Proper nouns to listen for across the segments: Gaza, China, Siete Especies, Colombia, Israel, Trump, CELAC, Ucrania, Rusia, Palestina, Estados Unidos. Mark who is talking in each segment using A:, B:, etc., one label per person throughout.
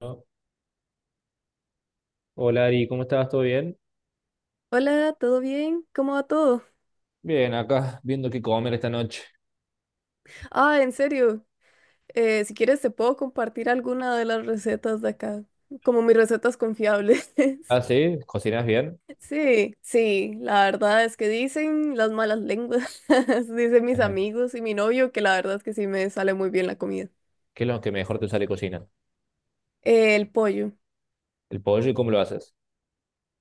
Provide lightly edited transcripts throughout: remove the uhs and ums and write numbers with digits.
A: ¿No? Hola Ari, ¿cómo estás? ¿Todo bien?
B: Hola, ¿todo bien? ¿Cómo va todo?
A: Bien, acá viendo qué comer esta noche.
B: Ah, en serio, si quieres te puedo compartir alguna de las recetas de acá, como mis recetas confiables.
A: Ah, sí, ¿cocinas bien?
B: Sí, sí, la verdad es que dicen las malas lenguas, dicen mis
A: Ajá.
B: amigos y mi novio que la verdad es que sí me sale muy bien la comida.
A: ¿Qué es lo que mejor te sale cocinar?
B: El pollo.
A: ¿El pollo y cómo lo haces?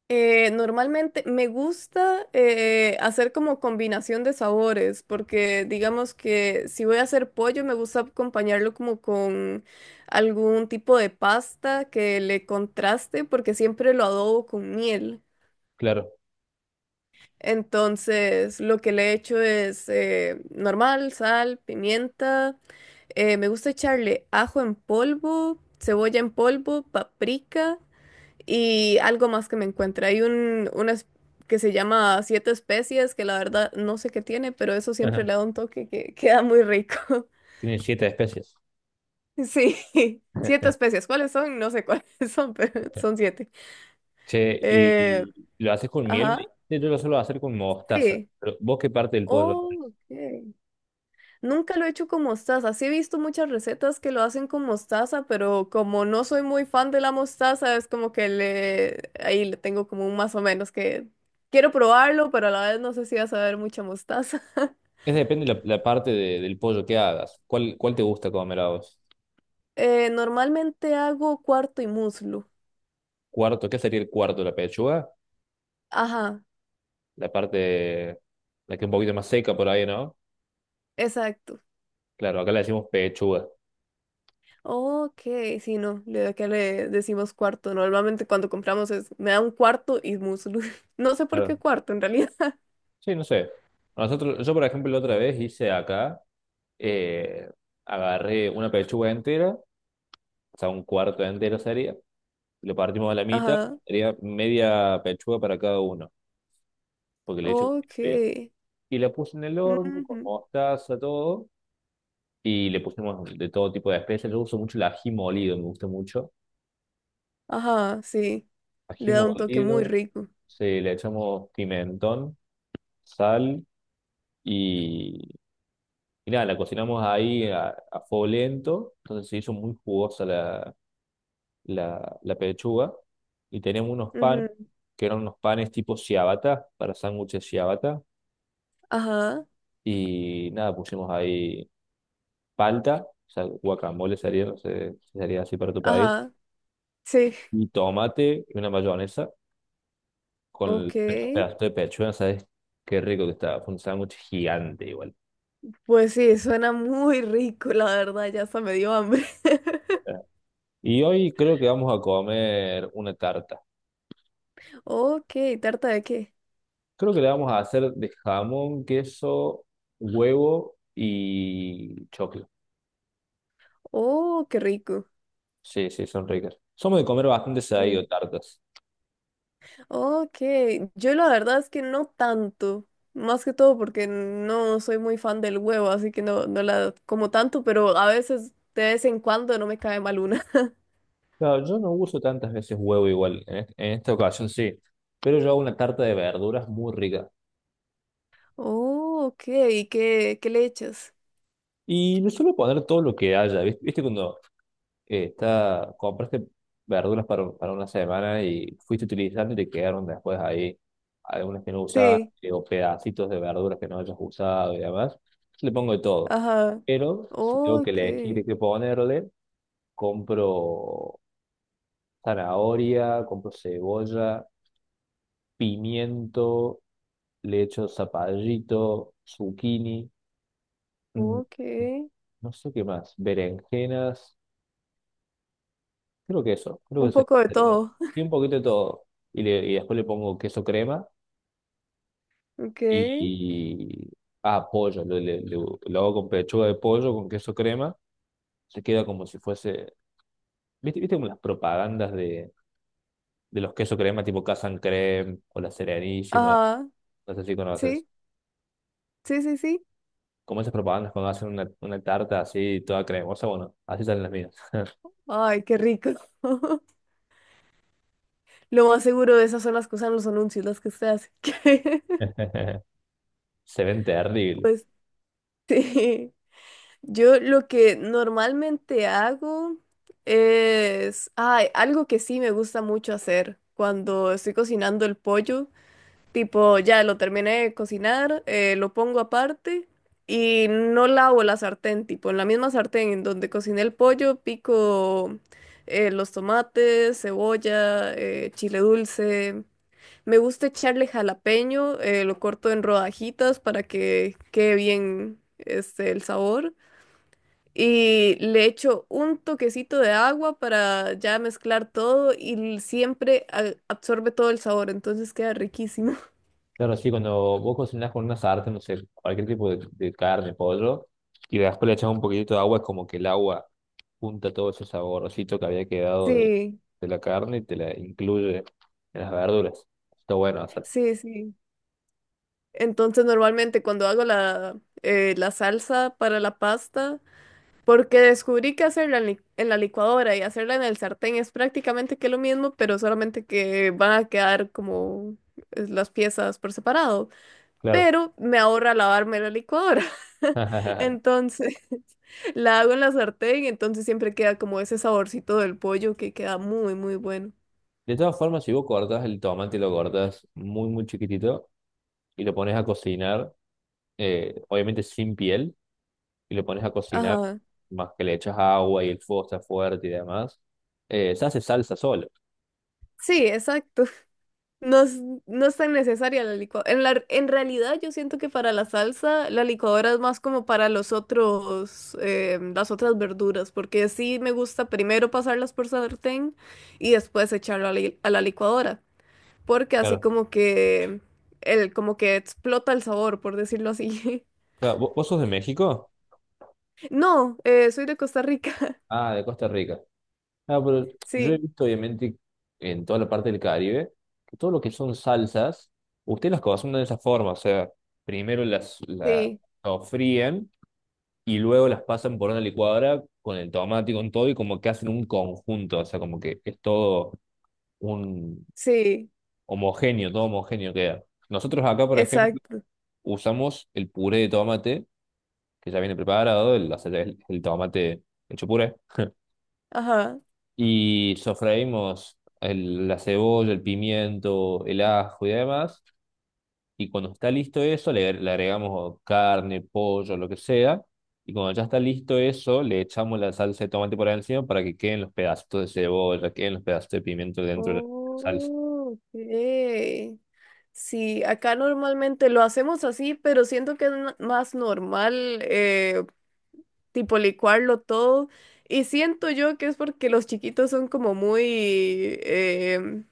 B: Normalmente me gusta hacer como combinación de sabores, porque digamos que si voy a hacer pollo, me gusta acompañarlo como con algún tipo de pasta que le contraste, porque siempre lo adobo con miel.
A: Claro.
B: Entonces, lo que le he hecho es normal, sal, pimienta. Me gusta echarle ajo en polvo, cebolla en polvo, paprika y algo más que me encuentra. Hay una que se llama Siete Especies, que la verdad no sé qué tiene, pero eso siempre
A: Ajá.
B: le da un toque que queda muy rico.
A: Tiene siete especies.
B: Sí, siete especies. ¿Cuáles son? No sé cuáles son, pero son siete.
A: Che, y,
B: Eh,
A: y ¿lo haces con miel? Me
B: ajá,
A: dijiste. Yo lo suelo hacer con mostaza.
B: sí.
A: Pero ¿vos qué parte del pollo haces?
B: Oh, ok. Nunca lo he hecho con mostaza. Sí he visto muchas recetas que lo hacen con mostaza, pero como no soy muy fan de la mostaza, es como que le ahí le tengo como un más o menos que quiero probarlo, pero a la vez no sé si va a saber mucha mostaza.
A: Es depende la parte del pollo que hagas. ¿Cuál te gusta comer a vos?
B: Normalmente hago cuarto y muslo.
A: ¿Cuarto? ¿Qué sería el cuarto? ¿La pechuga?
B: Ajá,
A: La parte, la que es un poquito más seca por ahí, ¿no?
B: exacto.
A: Claro, acá le decimos pechuga.
B: Ok, sí, no, acá le decimos cuarto. Normalmente cuando compramos es, me da un cuarto y muslo. No sé por qué
A: Claro.
B: cuarto en realidad.
A: Sí, no sé. Nosotros, yo, por ejemplo, la otra vez hice acá, eh, agarré una pechuga entera, o sea, un cuarto entero sería, lo partimos a la mitad,
B: Ajá,
A: sería media pechuga para cada uno, porque le he hecho.
B: ok.
A: Y la puse en el horno con
B: Ujú.
A: mostaza, todo, y le pusimos de todo tipo de especias. Yo uso mucho el ají molido, me gusta mucho.
B: Ajá, sí. Le
A: Ají
B: da un toque muy
A: molido,
B: rico.
A: sí, le echamos pimentón, sal. Y nada, la cocinamos ahí a fuego lento, entonces se hizo muy jugosa la pechuga. Y teníamos unos panes,
B: Ujú,
A: que eran unos panes tipo ciabatta, para sándwiches ciabatta.
B: ajá,
A: Y nada, pusimos ahí palta, o sea, guacamole sería, no sé si sería así para tu país.
B: ajá, sí,
A: Y tomate y una mayonesa con el
B: ok.
A: pedazo de pechuga, ¿sabes? Qué rico que estaba, fue un sándwich gigante igual.
B: Pues sí, suena muy rico, la verdad, ya hasta me dio hambre.
A: Y hoy creo que vamos a comer una tarta.
B: Ok, ¿tarta de qué?
A: Creo que le vamos a hacer de jamón, queso, huevo y choclo.
B: Oh, qué rico.
A: Sí, sí, son ricas. Somos de comer bastante seguido
B: Sí.
A: tartas.
B: Ok, yo la verdad es que no tanto. Más que todo porque no soy muy fan del huevo, así que no, no la como tanto, pero a veces, de vez en cuando, no me cae mal una.
A: Claro, yo no uso tantas veces huevo igual. En, en esta ocasión sí. Pero yo hago una tarta de verduras muy rica.
B: Oh, ok, ¿y qué, qué le echas?
A: Y le suelo poner todo lo que haya. ¿Viste? ¿Viste cuando esta, compraste verduras para una semana y fuiste utilizando y te quedaron después ahí algunas que no
B: Sí.
A: usaste o pedacitos de verduras que no hayas usado y demás? Le pongo de todo.
B: Ajá.
A: Pero si
B: Oh,
A: tengo que
B: ok,
A: elegir qué ponerle, compro zanahoria, compro cebolla, pimiento, le echo zapallito, zucchini, mm,
B: ok.
A: no sé qué más, berenjenas. Creo que eso, creo que
B: Un
A: se
B: poco de
A: sería
B: todo.
A: sí, un poquito de todo. Y, y después le pongo queso crema
B: Ok.
A: y, ah, pollo. Lo hago con pechuga de pollo, con queso crema. Se queda como si fuese. ¿Viste, viste como las propagandas de los queso crema tipo Casan Creme o la Serenísima?
B: Ajá.
A: No sé si conoces.
B: Sí, sí, sí, sí.
A: Como esas propagandas cuando hacen una tarta así toda cremosa, bueno, así salen las mías.
B: Ay, qué rico. Lo más seguro de esas son las cosas en los anuncios, las que usted hace.
A: Se ven terribles.
B: Pues sí. Yo lo que normalmente hago es, ay, algo que sí me gusta mucho hacer cuando estoy cocinando el pollo. Tipo, ya lo terminé de cocinar, lo pongo aparte y no lavo la sartén, tipo, en la misma sartén en donde cociné el pollo, pico los tomates, cebolla, chile dulce. Me gusta echarle jalapeño, lo corto en rodajitas para que quede bien este, el sabor. Y le echo un toquecito de agua para ya mezclar todo y siempre absorbe todo el sabor, entonces queda riquísimo.
A: Claro, sí, cuando vos cocinás con una sartén, no sé, cualquier tipo de carne, pollo, y después le echás un poquitito de agua, es como que el agua junta todo ese saborcito que había quedado
B: Sí.
A: de la carne y te la incluye en las verduras. Está bueno hacer,
B: Sí, sí. Entonces, normalmente cuando hago la, la salsa para la pasta, porque descubrí que hacerla en, en la licuadora y hacerla en el sartén es prácticamente que lo mismo, pero solamente que van a quedar como las piezas por separado.
A: claro.
B: Pero me ahorra lavarme la licuadora. Entonces, la hago en la sartén, entonces siempre queda como ese saborcito del pollo que queda muy, muy bueno.
A: De todas formas, si vos cortás el tomate y lo cortás muy, muy chiquitito y lo pones a cocinar, obviamente sin piel, y lo pones a cocinar,
B: Ajá.
A: más que le echas agua y el fuego está fuerte y demás, se hace salsa solo.
B: Sí, exacto. No es, no es tan necesaria la licuadora. En la, en realidad yo siento que para la salsa la licuadora es más como para los otros, las otras verduras, porque sí me gusta primero pasarlas por sartén y después echarlo a la licuadora, porque así
A: Claro.
B: como que, el, como que explota el sabor, por decirlo así.
A: Claro, ¿vos sos de México?
B: No, soy de Costa Rica.
A: Ah, de Costa Rica. Ah, pero yo he
B: Sí,
A: visto, obviamente, en toda la parte del Caribe, que todo lo que son salsas, ustedes las cocinan de esa forma. O sea, primero las, la
B: sí,
A: sofríen y luego las pasan por una licuadora con el tomate y con todo, y como que hacen un conjunto. O sea, como que es todo un
B: sí,
A: homogéneo, todo homogéneo queda. Nosotros acá, por ejemplo,
B: exacto.
A: usamos el puré de tomate, que ya viene preparado, el, o sea, el tomate hecho puré.
B: Ajá.
A: Y sofreímos la cebolla, el pimiento, el ajo y demás. Y cuando está listo eso, le agregamos carne, pollo, lo que sea. Y cuando ya está listo eso, le echamos la salsa de tomate por encima para que queden los pedacitos de cebolla, queden los pedacitos de pimiento dentro de la salsa.
B: Oh, ok. Sí, acá normalmente lo hacemos así, pero siento que es más normal, tipo licuarlo todo. Y siento yo que es porque los chiquitos son como muy, em,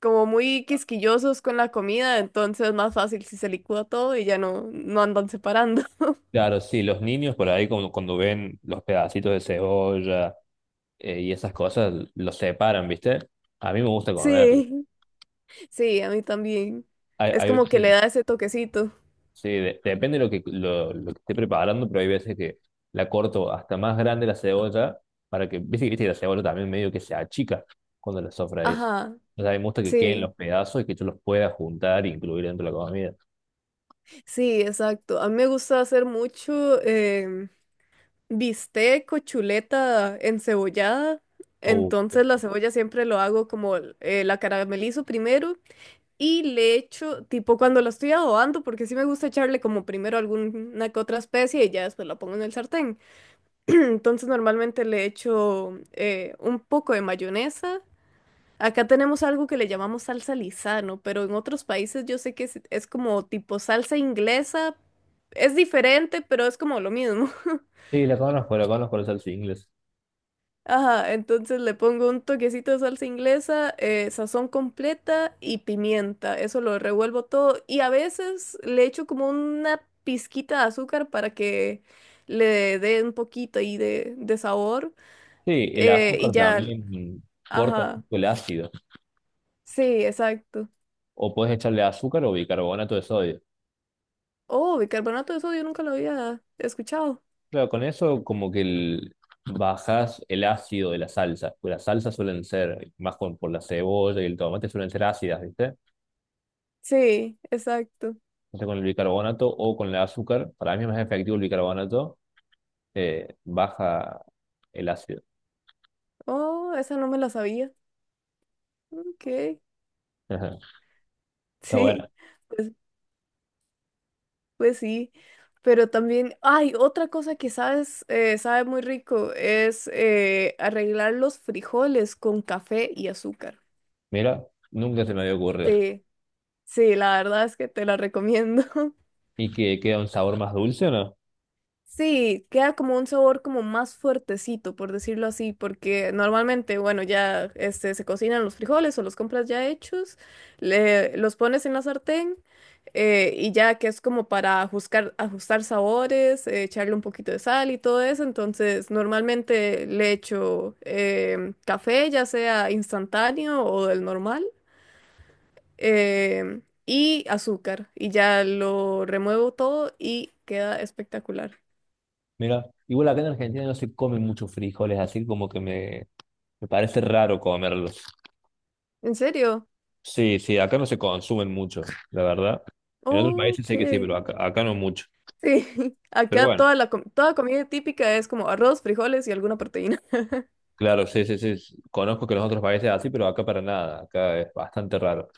B: como muy quisquillosos con la comida, entonces es más fácil si se licúa todo y ya no, no andan separando.
A: Claro, sí, los niños por ahí cuando, cuando ven los pedacitos de cebolla y esas cosas, los separan, ¿viste? A mí me gusta comerlo.
B: Sí, sí, a mí también.
A: Hay,
B: Es
A: hay
B: como que le
A: veces.
B: da ese toquecito.
A: Sí, depende de lo que esté preparando, pero hay veces que la corto hasta más grande la cebolla para que, viste, viste que la cebolla también medio que se achica cuando la sofreís.
B: Ajá,
A: O sea, me gusta que queden
B: sí.
A: los pedazos y que yo los pueda juntar e incluir dentro de la comida.
B: Sí, exacto. A mí me gusta hacer mucho bistec o chuleta encebollada.
A: Uh,
B: Entonces la cebolla siempre lo hago como la caramelizo primero y le echo, tipo cuando la estoy adobando, porque sí me gusta echarle como primero alguna que otra especie y ya después la pongo en el sartén. Entonces normalmente le echo un poco de mayonesa. Acá tenemos algo que le llamamos salsa lisano, pero en otros países yo sé que es como tipo salsa inglesa. Es diferente, pero es como lo mismo.
A: sí, la conozco, la conozco, la salsa inglesa.
B: Ajá, entonces le pongo un toquecito de salsa inglesa, sazón completa y pimienta. Eso lo revuelvo todo y a veces le echo como una pizquita de azúcar para que le dé un poquito ahí de sabor.
A: Sí, el
B: Y
A: azúcar
B: ya,
A: también corta un
B: ajá,
A: poco el ácido.
B: sí, exacto.
A: O puedes echarle azúcar o bicarbonato de sodio.
B: Oh, bicarbonato de sodio nunca lo había escuchado.
A: Claro, con eso como que el, bajás el ácido de la salsa. Pues las salsas suelen ser, más con, por la cebolla y el tomate, suelen ser ácidas, ¿viste?
B: Sí, exacto.
A: Entonces con el bicarbonato o con el azúcar, para mí es más efectivo el bicarbonato, baja el ácido.
B: Oh, esa no me la sabía. Ok,
A: Está bueno.
B: sí, pues, pues sí. Pero también, ay, otra cosa que sabes, sabe muy rico es arreglar los frijoles con café y azúcar.
A: Mira, nunca se me había ocurrido.
B: Sí, sí, la verdad es que te la recomiendo.
A: ¿Y que queda un sabor más dulce o no?
B: Sí, queda como un sabor como más fuertecito, por decirlo así, porque normalmente, bueno, ya este, se cocinan los frijoles o los compras ya hechos, los pones en la sartén y ya que es como para ajustar, ajustar sabores, echarle un poquito de sal y todo eso, entonces normalmente le echo café, ya sea instantáneo o del normal, y azúcar y ya lo remuevo todo y queda espectacular.
A: Mira, igual acá en Argentina no se comen muchos frijoles, así como que me parece raro comerlos.
B: ¿En serio?
A: Sí, sí, acá no se consumen mucho, la verdad. En otros países
B: Ok,
A: sé que sí,
B: sí.
A: pero acá, acá no mucho. Pero
B: Acá
A: bueno,
B: toda la toda comida típica es como arroz, frijoles y alguna proteína.
A: claro, sí, sí, sí, sí, conozco que en los otros países es así, pero acá para nada. Acá es bastante raro.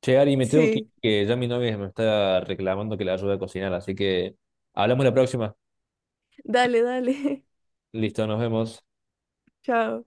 A: Che, Ari, me tengo que ir,
B: Sí,
A: que ya mi novia me está reclamando que la ayude a cocinar, así que hablamos la próxima.
B: dale, dale.
A: Listo, nos vemos.
B: Chao.